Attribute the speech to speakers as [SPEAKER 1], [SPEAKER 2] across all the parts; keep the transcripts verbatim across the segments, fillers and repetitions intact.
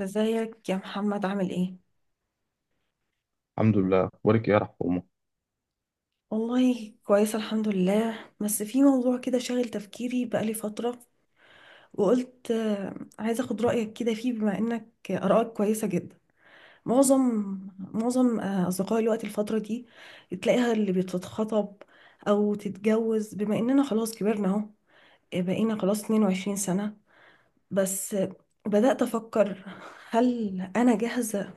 [SPEAKER 1] ازيك يا محمد، عامل ايه؟
[SPEAKER 2] الحمد لله وارك يا رحمه.
[SPEAKER 1] والله كويسة الحمد لله، بس في موضوع كده شاغل تفكيري بقالي فترة، وقلت آه، عايزة اخد رأيك كده فيه بما انك آرائك كويسة جدا. معظم معظم آه، أصدقائي الوقت الفترة دي تلاقيها اللي بتتخطب أو تتجوز، بما اننا خلاص كبرنا اهو. آه، بقينا خلاص 22 سنة، بس آه، بدأت أفكر، هل أنا جاهزة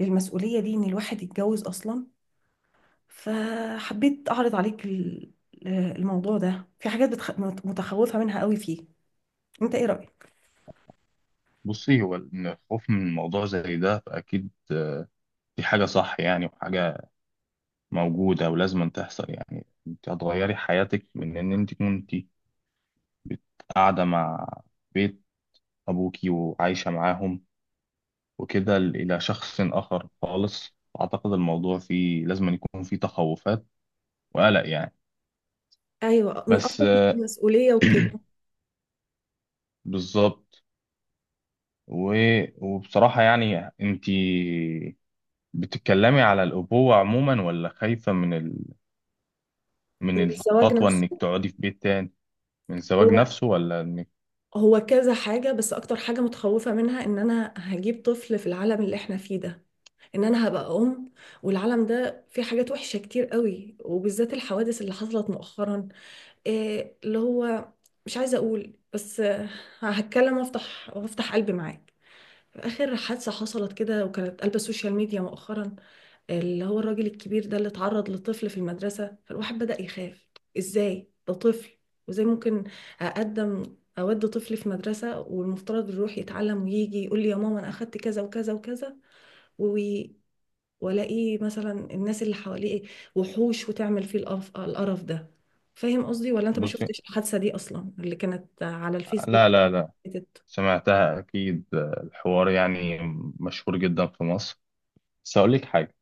[SPEAKER 1] للمسؤولية دي، إن الواحد يتجوز أصلا؟ فحبيت اعرض عليك ال- الموضوع ده. في حاجات بتخ... مت- متخوفة منها قوي فيه، انت ايه رأيك؟
[SPEAKER 2] بصي، هو إن الخوف من موضوع زي ده فأكيد، آه، دي حاجة صح، يعني وحاجة موجودة ولازم أن تحصل. يعني أنت هتغيري حياتك من إن أنت كنتي بت- قاعدة مع بيت أبوكي وعايشة معاهم وكده ل- إلى شخص آخر خالص. أعتقد الموضوع فيه لازم أن يكون فيه تخوفات وقلق يعني.
[SPEAKER 1] ايوه، من
[SPEAKER 2] بس،
[SPEAKER 1] قصدك من
[SPEAKER 2] آه،
[SPEAKER 1] المسؤوليه وكده.
[SPEAKER 2] بالظبط. و... وبصراحة يعني أنت بتتكلمي على الأبوة عموما، ولا خايفة من
[SPEAKER 1] من
[SPEAKER 2] من
[SPEAKER 1] الزواج
[SPEAKER 2] الخطوة إنك
[SPEAKER 1] نفسه.
[SPEAKER 2] تقعدي في بيت تاني، من الزواج
[SPEAKER 1] هو
[SPEAKER 2] نفسه، ولا إنك...
[SPEAKER 1] هو كذا حاجه، بس اكتر حاجه متخوفه منها ان انا هجيب طفل في العالم اللي احنا فيه ده، ان انا هبقى ام. والعالم ده فيه حاجات وحشه كتير قوي، وبالذات الحوادث اللي حصلت مؤخرا. إيه اللي هو، مش عايزه اقول، بس آه، هتكلم وافتح وافتح قلبي معاك. آخر حادثة حصلت كده وكانت قلب السوشيال ميديا مؤخرا، اللي هو الراجل الكبير ده اللي اتعرض لطفل في المدرسة، فالواحد بدأ يخاف. إزاي ده طفل؟ وإزاي ممكن أقدم أود طفل في مدرسة والمفترض يروح يتعلم، ويجي يقول لي يا ماما أنا أخدت كذا وكذا وكذا، وي- وألاقيه مثلا الناس اللي حواليه وحوش وتعمل فيه القرف القرف ده. فاهم قصدي، ولا أنت ما
[SPEAKER 2] بصي،
[SPEAKER 1] شفتش الحادثة دي أصلا اللي كانت على الفيسبوك؟
[SPEAKER 2] لا لا لا، سمعتها أكيد، آه، الحوار يعني مشهور جدا في مصر. بس هقول لك حاجة.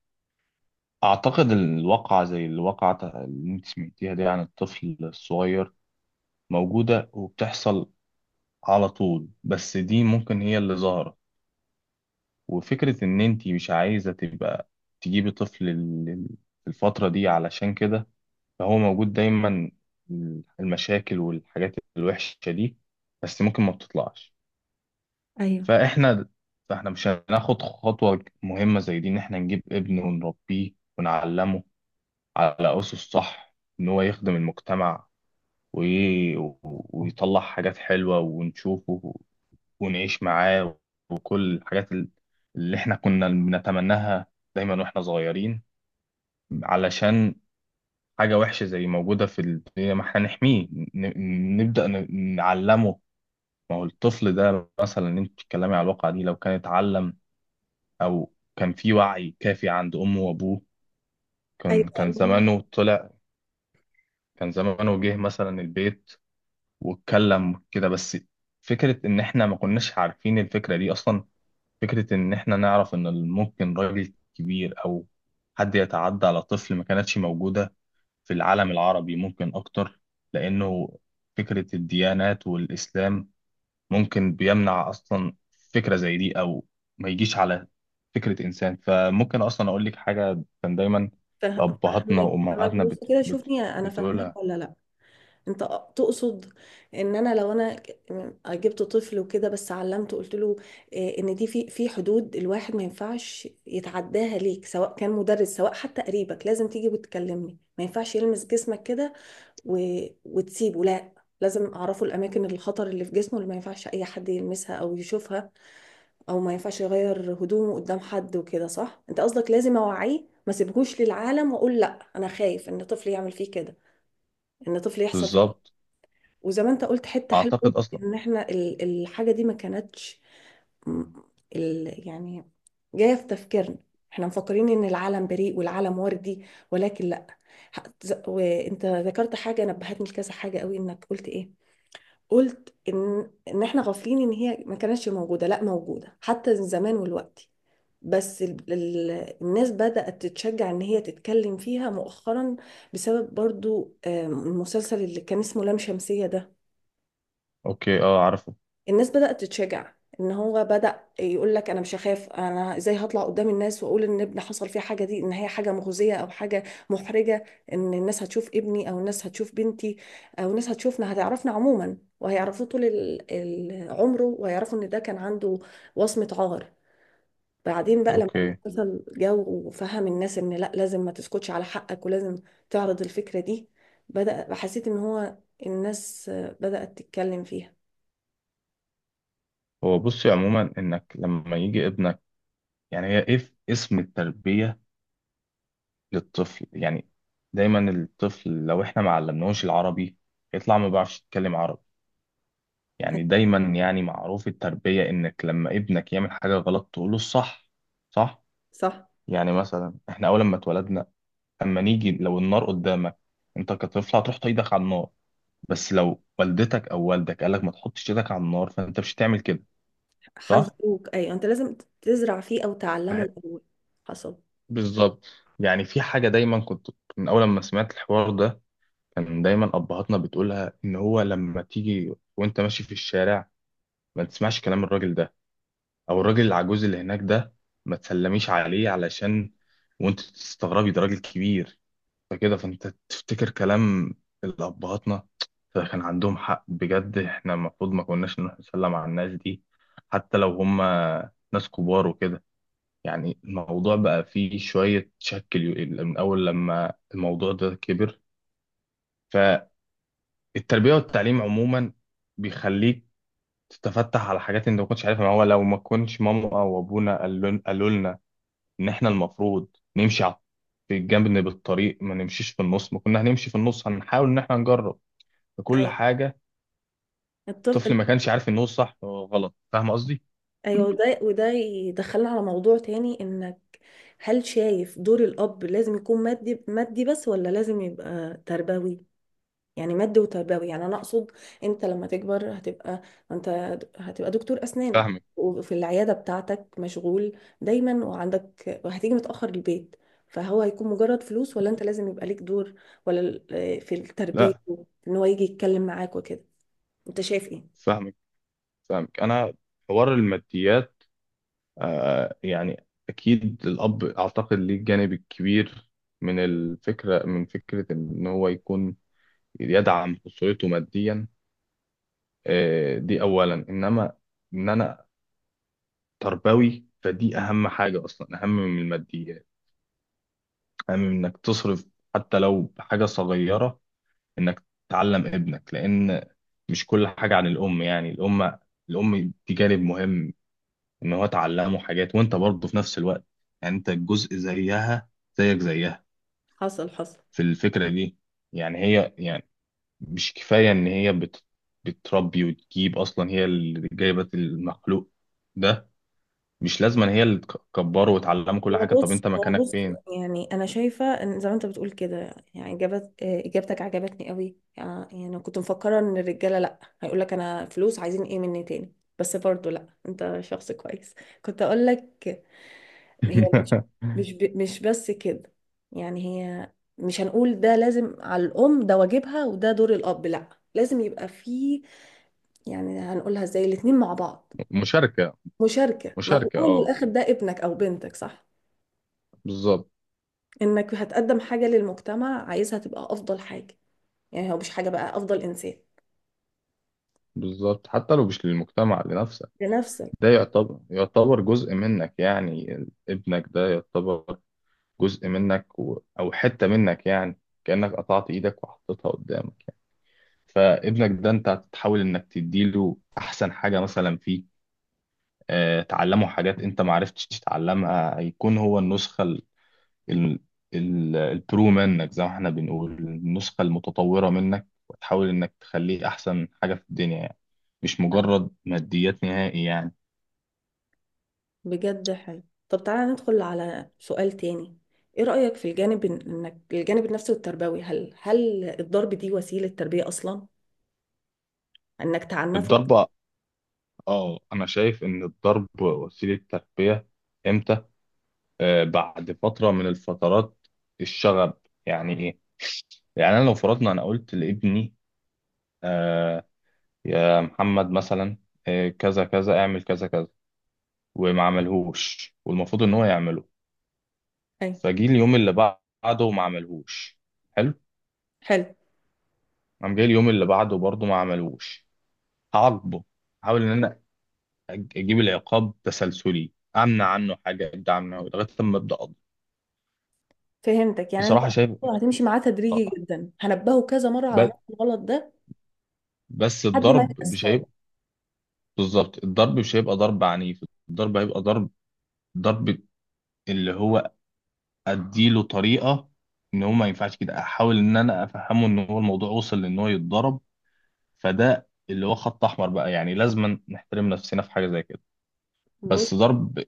[SPEAKER 2] أعتقد الواقعة زي الواقعة اللي أنت سمعتيها دي عن الطفل الصغير موجودة وبتحصل على طول، بس دي ممكن هي اللي ظاهرة. وفكرة إن أنت مش عايزة تبقى تجيبي طفل ال- ال- في الفترة دي علشان كده. فهو موجود دايما المشاكل والحاجات الوحشة دي، بس ممكن ما بتطلعش.
[SPEAKER 1] ايوه،
[SPEAKER 2] فاحنا فاحنا مش هناخد خطوة مهمة زي دي، ان احنا نجيب ابن ونربيه ونعلمه على أسس صح، ان هو يخدم المجتمع وي... ويطلع حاجات حلوة ونشوفه ونعيش معاه وكل الحاجات ال- اللي احنا كنا بنتمناها دايما واحنا صغيرين. علشان حاجة وحشة زي موجودة في الدنيا، ما احنا نحميه، ن- نبدأ ن- نعلمه. ما هو الطفل ده مثلا اللي انت بتتكلمي على الواقعة دي لو كان اتعلم أو كان في وعي كافي عند أمه وأبوه، كان كان
[SPEAKER 1] ايوه،
[SPEAKER 2] زمانه طلع، كان زمانه جه مثلا البيت واتكلم كده بس. فكرة إن احنا ما كناش عارفين الفكرة دي أصلا، فكرة إن احنا نعرف إن ممكن راجل كبير أو حد يتعدى على طفل، ما كانتش موجودة في العالم العربي ممكن أكتر، لأنه فكرة الديانات والإسلام ممكن بيمنع أصلا فكرة زي دي، أو ما يجيش على فكرة إنسان. فممكن أصلا أقول لك حاجة، كان دايما
[SPEAKER 1] فاه-
[SPEAKER 2] أبهاتنا
[SPEAKER 1] فاهماك فاهماك،
[SPEAKER 2] وأمهاتنا
[SPEAKER 1] بص
[SPEAKER 2] بت...
[SPEAKER 1] كده،
[SPEAKER 2] بت...
[SPEAKER 1] شوفني انا فاهماك
[SPEAKER 2] بتقولها.
[SPEAKER 1] ولا لا؟ انت تقصد ان انا لو انا جبت طفل وكده، بس علمته، قلت له إيه، ان دي في في حدود الواحد ما ينفعش يتعداها ليك، سواء كان مدرس سواء حتى قريبك، لازم تيجي وتكلمني، ما ينفعش يلمس جسمك كده و... وتسيبه؟ لا، لازم اعرفه الاماكن الخطر اللي في جسمه اللي ما ينفعش اي حد يلمسها او يشوفها، او ما ينفعش يغير هدومه قدام حد وكده، صح؟ انت قصدك لازم اوعيه، ما سيبهوش للعالم واقول لا، انا خايف ان طفلي يعمل فيه كده، ان طفلي يحصل فيه كده.
[SPEAKER 2] بالظبط.
[SPEAKER 1] وزي ما انت قلت حته حلوه أوي،
[SPEAKER 2] أعتقد أصلا.
[SPEAKER 1] ان احنا ال- الحاجه دي ما كانتش م- ال يعني جايه في تفكيرنا. احنا مفكرين ان العالم بريء والعالم وردي، ولكن لا. ح- ز- وانت ذكرت حاجه نبهتني لكذا حاجه قوي، انك قلت ايه؟ قلت ان ان احنا غافلين، ان هي ما كانتش موجوده، لا موجوده حتى زمان والوقت، بس ال- ال- الناس بدأت تتشجع ان هي تتكلم فيها مؤخرا، بسبب برضو آم، المسلسل اللي كان اسمه لام شمسية ده.
[SPEAKER 2] أوكي، أه، عارفه.
[SPEAKER 1] الناس بدأت تتشجع، ان هو بدأ يقول لك انا مش هخاف. انا ازاي هطلع قدام الناس واقول ان ابني حصل فيه حاجة دي، ان هي حاجة مخزية او حاجة محرجة، ان الناس هتشوف ابني او الناس هتشوف بنتي، او الناس هتشوفنا هتعرفنا عموما، وهيعرفوه طول ال- ال- عمره، وهيعرفوا ان ده كان عنده وصمة عار. بعدين بقى، لما
[SPEAKER 2] أوكي.
[SPEAKER 1] المسلسل جو وفهم الناس ان لا، لازم ما تسكتش على حقك، ولازم تعرض الفكرة دي، بدأ حسيت ان هو الناس بدأت تتكلم فيها.
[SPEAKER 2] هو بصي عموما إنك لما يجي ابنك، يعني هي إيه اسم التربية للطفل، يعني دايما الطفل لو إحنا ما علمناهوش العربي يطلع ما بيعرفش يتكلم عربي. يعني دايما، يعني معروف التربية إنك لما ابنك يعمل حاجة غلط تقوله الصح، صح؟
[SPEAKER 1] صح،
[SPEAKER 2] يعني مثلا إحنا أول ما اتولدنا، أما نيجي لو النار قدامك، أنت كطفل هتروح تحط على النار، بس لو والدتك أو والدك قالك ما تحطش إيدك على النار فأنت مش هتعمل كده. صح؟
[SPEAKER 1] حذروك، ايوه انت لازم تزرع فيه او تعلمه
[SPEAKER 2] فه-
[SPEAKER 1] الاول. حصل.
[SPEAKER 2] بالظبط. يعني في حاجة دايما كنت من أول ما سمعت الحوار ده، كان دايما أبهاتنا بتقولها إن هو لما تيجي وأنت ماشي في الشارع ما تسمعش كلام الراجل ده او الراجل العجوز اللي هناك ده، ما تسلميش عليه، علشان وانت تستغربي ده راجل كبير، فكده فانت تفتكر كلام الابهاتنا. فكان عندهم حق بجد، احنا المفروض ما كناش نروح نسلم على الناس دي حتى لو هم ناس كبار وكده. يعني الموضوع بقى فيه شوية شك اليو- من أول لما الموضوع ده كبر. فالتربية والتعليم عموما بيخليك تتفتح على حاجات انت ما كنتش عارفها. ما هو لو ما كنتش ماما او ابونا قالوا قالوا لنا ان احنا المفروض نمشي على في الجنب بالطريق، ما نمشيش في النص، ما كنا هنمشي في النص، هنحاول ان احنا نجرب في كل
[SPEAKER 1] ايوه،
[SPEAKER 2] حاجه.
[SPEAKER 1] الطفل.
[SPEAKER 2] الطفل ما كانش عارف ان هو صح وغلط، فاهم قصدي.
[SPEAKER 1] ايوه، وده وده يدخلنا على موضوع تاني انك، هل شايف دور الاب لازم يكون مادي مادي بس، ولا لازم يبقى تربوي؟ يعني مادي وتربوي، يعني انا اقصد انت لما تكبر هتبقى، انت هتبقى دكتور اسنان،
[SPEAKER 2] فاهمك،
[SPEAKER 1] وفي العياده بتاعتك مشغول دايما وعندك، وهتيجي متاخر البيت، فهو هيكون مجرد فلوس، ولا انت لازم يبقى ليك دور ولا ال- آه، في التربيه،
[SPEAKER 2] لا،
[SPEAKER 1] ان هو يجي يتكلم معاك وكده، انت شايف ايه؟
[SPEAKER 2] فاهمك فاهمك انا. حوار الماديات، آه يعني اكيد الاب اعتقد ليه الجانب الكبير من الفكره من فكره ان هو يكون يدعم اسرته ماديا. آه دي اولا، انما ان انا تربوي، فدي اهم حاجه اصلا، اهم من الماديات. أهم من إنك تصرف حتى لو بحاجة صغيرة، إنك تعلم ابنك، لأن مش كل حاجة عن الأم. يعني الأم الأم دي جانب مهم، إن هو تعلمه حاجات وأنت برضه في نفس الوقت. يعني أنت جزء زيها، زيك زيها
[SPEAKER 1] حصل حصل.
[SPEAKER 2] في الفكرة دي. يعني هي، يعني مش كفاية إن هي بت بتربي وتجيب، أصلا هي اللي جايبة المخلوق ده. مش لازم إن هي اللي تكبره وتعلمه كل
[SPEAKER 1] هو
[SPEAKER 2] حاجة، طب
[SPEAKER 1] بص
[SPEAKER 2] أنت
[SPEAKER 1] هو
[SPEAKER 2] مكانك
[SPEAKER 1] بص
[SPEAKER 2] فين؟
[SPEAKER 1] يعني انا شايفه ان زي ما انت بتقول كده، يعني اجابت آه، اجابتك عجبتني قوي، يعني يعني كنت مفكره ان الرجاله لا، هيقول لك انا فلوس، عايزين ايه مني تاني. بس برضو لا، انت شخص كويس كنت اقول لك. هي مش، مش ب- مش بس كده، يعني هي، مش هنقول ده لازم على الام، ده واجبها، وده دور الاب، لا لازم يبقى فيه. يعني هنقولها ازاي؟ الاتنين مع بعض،
[SPEAKER 2] مشاركة،
[SPEAKER 1] مشاركه، ما في
[SPEAKER 2] مشاركة،
[SPEAKER 1] الاول
[SPEAKER 2] اه.
[SPEAKER 1] والاخر ده ابنك او بنتك، صح؟
[SPEAKER 2] بالظبط.
[SPEAKER 1] انك هتقدم حاجة للمجتمع عايزها تبقى افضل حاجة، يعني هو مش حاجة، بقى افضل انسان.
[SPEAKER 2] بالظبط، حتى لو مش للمجتمع، لنفسك.
[SPEAKER 1] لنفسك.
[SPEAKER 2] ده يعتبر، يعتبر جزء منك، يعني ابنك ده يعتبر جزء منك و... او حتة منك، يعني كأنك قطعت ايدك وحطيتها قدامك يعني. فابنك ده انت هتحاول انك تديله احسن حاجة مثلا فيه، آه، تعلمه حاجات انت ما عرفتش تتعلمها. هيكون هو النسخة ال- ال- البرو منك، زي ما احنا بنقول النسخة المتطورة منك، وتحاول انك تخليه احسن حاجة في الدنيا، يعني مش مجرد ماديات نهائي يعني.
[SPEAKER 1] بجد حلو. طب تعالى ندخل على سؤال تاني، ايه رأيك في الجانب إن- انك الجانب النفسي والتربوي، هل هل الضرب دي وسيلة تربية اصلا، انك تعنفه؟
[SPEAKER 2] الضربة. اه، انا شايف ان الضرب وسيلة تربية. امتى؟ آه بعد فترة من الفترات الشغب. يعني ايه؟ يعني انا لو فرضنا انا قلت لابني، آه يا محمد مثلا، آه كذا كذا، اعمل كذا كذا، وما عملهوش والمفروض ان هو يعمله،
[SPEAKER 1] أي.
[SPEAKER 2] فجي اليوم اللي بعده وما عملهوش. حلو.
[SPEAKER 1] حلو،
[SPEAKER 2] قام جاي اليوم اللي بعده برضه ما عملهوش، هعاقبه. احاول ان انا أج- اجيب العقاب تسلسلي، امنع عنه حاجه، ابدا عنه لغايه لما ابدا اقضي.
[SPEAKER 1] فهمتك. يعني انت
[SPEAKER 2] بصراحه شايف.
[SPEAKER 1] هتمشي معاه
[SPEAKER 2] آه.
[SPEAKER 1] تدريجي
[SPEAKER 2] آه،
[SPEAKER 1] جدا، هنبهه كذا مرة على
[SPEAKER 2] ب-
[SPEAKER 1] نفس الغلط ده
[SPEAKER 2] بس
[SPEAKER 1] لحد ما
[SPEAKER 2] الضرب
[SPEAKER 1] يحس
[SPEAKER 2] مش
[SPEAKER 1] خالص.
[SPEAKER 2] هيبقى. بالظبط، الضرب مش هيبقى ضرب عنيف. الضرب هيبقى ضرب، ضرب اللي هو اديله طريقه ان هو ما ينفعش كده، احاول ان انا افهمه ان هو الموضوع وصل لان هو يتضرب، فده اللي هو خط احمر بقى، يعني لازم نحترم نفسنا في حاجه زي كده.
[SPEAKER 1] بص،
[SPEAKER 2] بس ضرب،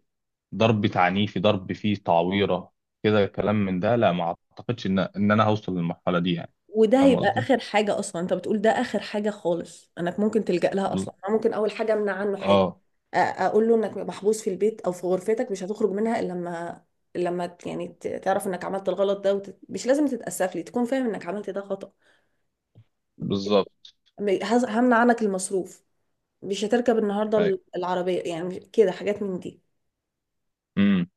[SPEAKER 2] ضرب تعنيفي، ضرب فيه تعويرة، كده كلام من ده لا، ما اعتقدش ان ان انا هوصل للمرحلة دي يعني.
[SPEAKER 1] وده
[SPEAKER 2] فاهم
[SPEAKER 1] هيبقى
[SPEAKER 2] قصدي؟
[SPEAKER 1] اخر حاجه اصلا. انت بتقول ده اخر حاجه خالص انك ممكن تلجأ لها،
[SPEAKER 2] بز...
[SPEAKER 1] اصلا أنا ممكن اول حاجه امنع عنه حاجه، أ-
[SPEAKER 2] اه.
[SPEAKER 1] اقول له انك محبوس في البيت او في غرفتك، مش هتخرج منها الا لما لما ت- يعني ت- تعرف انك عملت الغلط ده، وت... مش لازم تتأسف لي، تكون فاهم انك عملت ده خطأ.
[SPEAKER 2] بالظبط.
[SPEAKER 1] م- هز- همنع عنك المصروف، مش هتركب النهارده
[SPEAKER 2] ايوه.
[SPEAKER 1] ال- العربيه، يعني مش- كده حاجات من دي.
[SPEAKER 2] امم.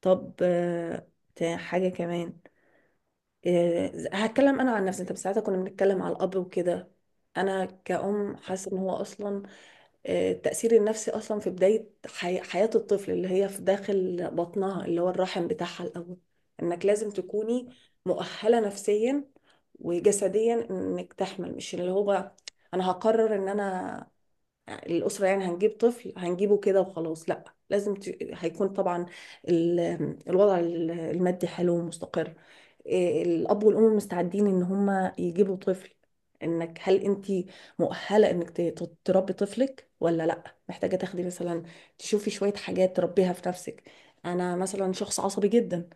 [SPEAKER 1] طب آه، تا- حاجه كمان. آه، هتكلم انا عن نفسي انت، بس ساعتها كنا بنتكلم على الاب وكده. انا كأم حاسه ان هو اصلا، آه، التأثير النفسي أصلا في بداية حي حياة الطفل اللي هي في داخل بطنها اللي هو الرحم بتاعها الأول، إنك لازم تكوني مؤهلة نفسيا وجسديا إنك تحمل. مش اللي هو أنا هقرر إن أنا، الأسرة يعني هنجيب طفل هنجيبه كده وخلاص. لا، لازم ت... هيكون طبعا ال... الوضع ال- المادي حلو ومستقر. إيه، الأب والأم مستعدين إن هما يجيبوا طفل، إنك، هل أنت مؤهلة إنك ت- ت- تربي طفلك ولا لا، محتاجة تاخدي مثلا، تشوفي شوية حاجات تربيها في نفسك. أنا مثلا شخص عصبي جدا،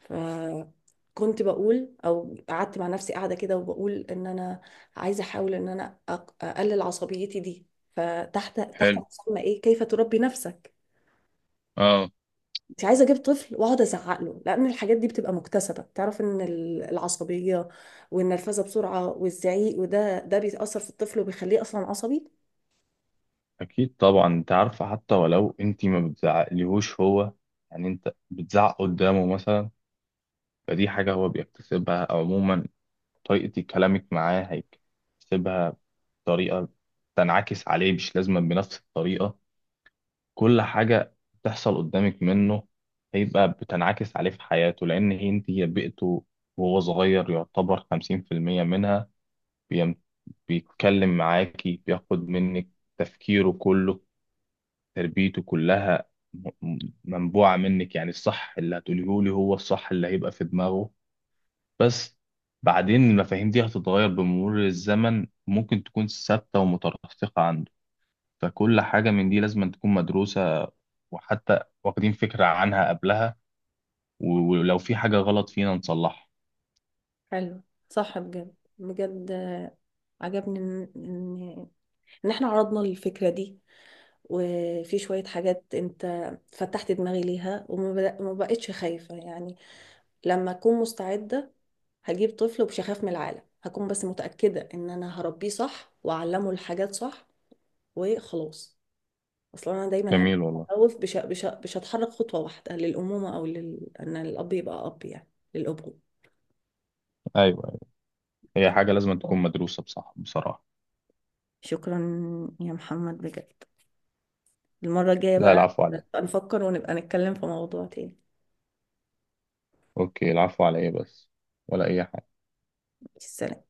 [SPEAKER 1] فكنت بقول، او قعدت مع نفسي قاعده كده، وبقول ان انا عايزه احاول ان انا أق- اقلل عصبيتي دي. فتحت تحت
[SPEAKER 2] حلو.
[SPEAKER 1] مسمى ايه كيف تربي نفسك.
[SPEAKER 2] اه.
[SPEAKER 1] انت عايزه اجيب طفل واقعد ازعق له، لان الحاجات دي بتبقى مكتسبه. تعرف ان ال- العصبيه والنرفزه بسرعه والزعيق، وده ده بيأثر في الطفل وبيخليه اصلا عصبي.
[SPEAKER 2] اكيد طبعا، انت عارفة حتى ولو انت ما بتزعقليهوش هو، يعني انت بتزعق قدامه مثلا، فدي حاجة هو بيكتسبها، أو عموما طريقة كلامك معاه هيكتسبها بطريقة تنعكس عليه مش لازم بنفس الطريقة. كل حاجة بتحصل قدامك منه هيبقى بتنعكس عليه في حياته، لأن هي انت هي بيئته، وهو صغير يعتبر خمسين في المية منها. بيم- بيتكلم معاكي، بياخد منك تفكيره كله، تربيته كلها م- م- منبوعة منك. يعني الصح اللي هتقوليه لي هو الصح اللي هيبقى في دماغه. بس بعدين المفاهيم دي هتتغير بمرور الزمن، ممكن تكون ثابتة ومترسخة، فكل حاجة من دي لازم تكون مدروسة، وحتى واخدين فكرة عنها قبلها، و- ولو في حاجة غلط فينا نصلحها.
[SPEAKER 1] حلو. صح بجد بجد، آه، عجبني ان ان إن احنا عرضنا الفكرة دي، وفي شوية حاجات انت فتحت دماغي ليها، وما بد- ما بقتش خايفة يعني. لما اكون مستعدة هجيب طفل ومش هخاف من العالم، هكون بس متأكدة ان انا هربيه صح واعلمه الحاجات صح وخلاص. اصلا انا دايما هبقى
[SPEAKER 2] جميل والله.
[SPEAKER 1] متخوف، مش مش مش هتحرك خطوة واحدة للأمومة او لل... ان الاب يبقى اب، يعني للأبوة.
[SPEAKER 2] أيوة أيوة. هي حاجة لازم تكون مدروسة بصح بصراحة.
[SPEAKER 1] شكرا يا محمد بجد. المرة الجاية
[SPEAKER 2] لا،
[SPEAKER 1] بقى
[SPEAKER 2] العفو عليا.
[SPEAKER 1] نبقى نفكر، ونبقى نتكلم في موضوع تاني.
[SPEAKER 2] أوكي، العفو عليا، بس ولا أي حاجة.
[SPEAKER 1] السلام.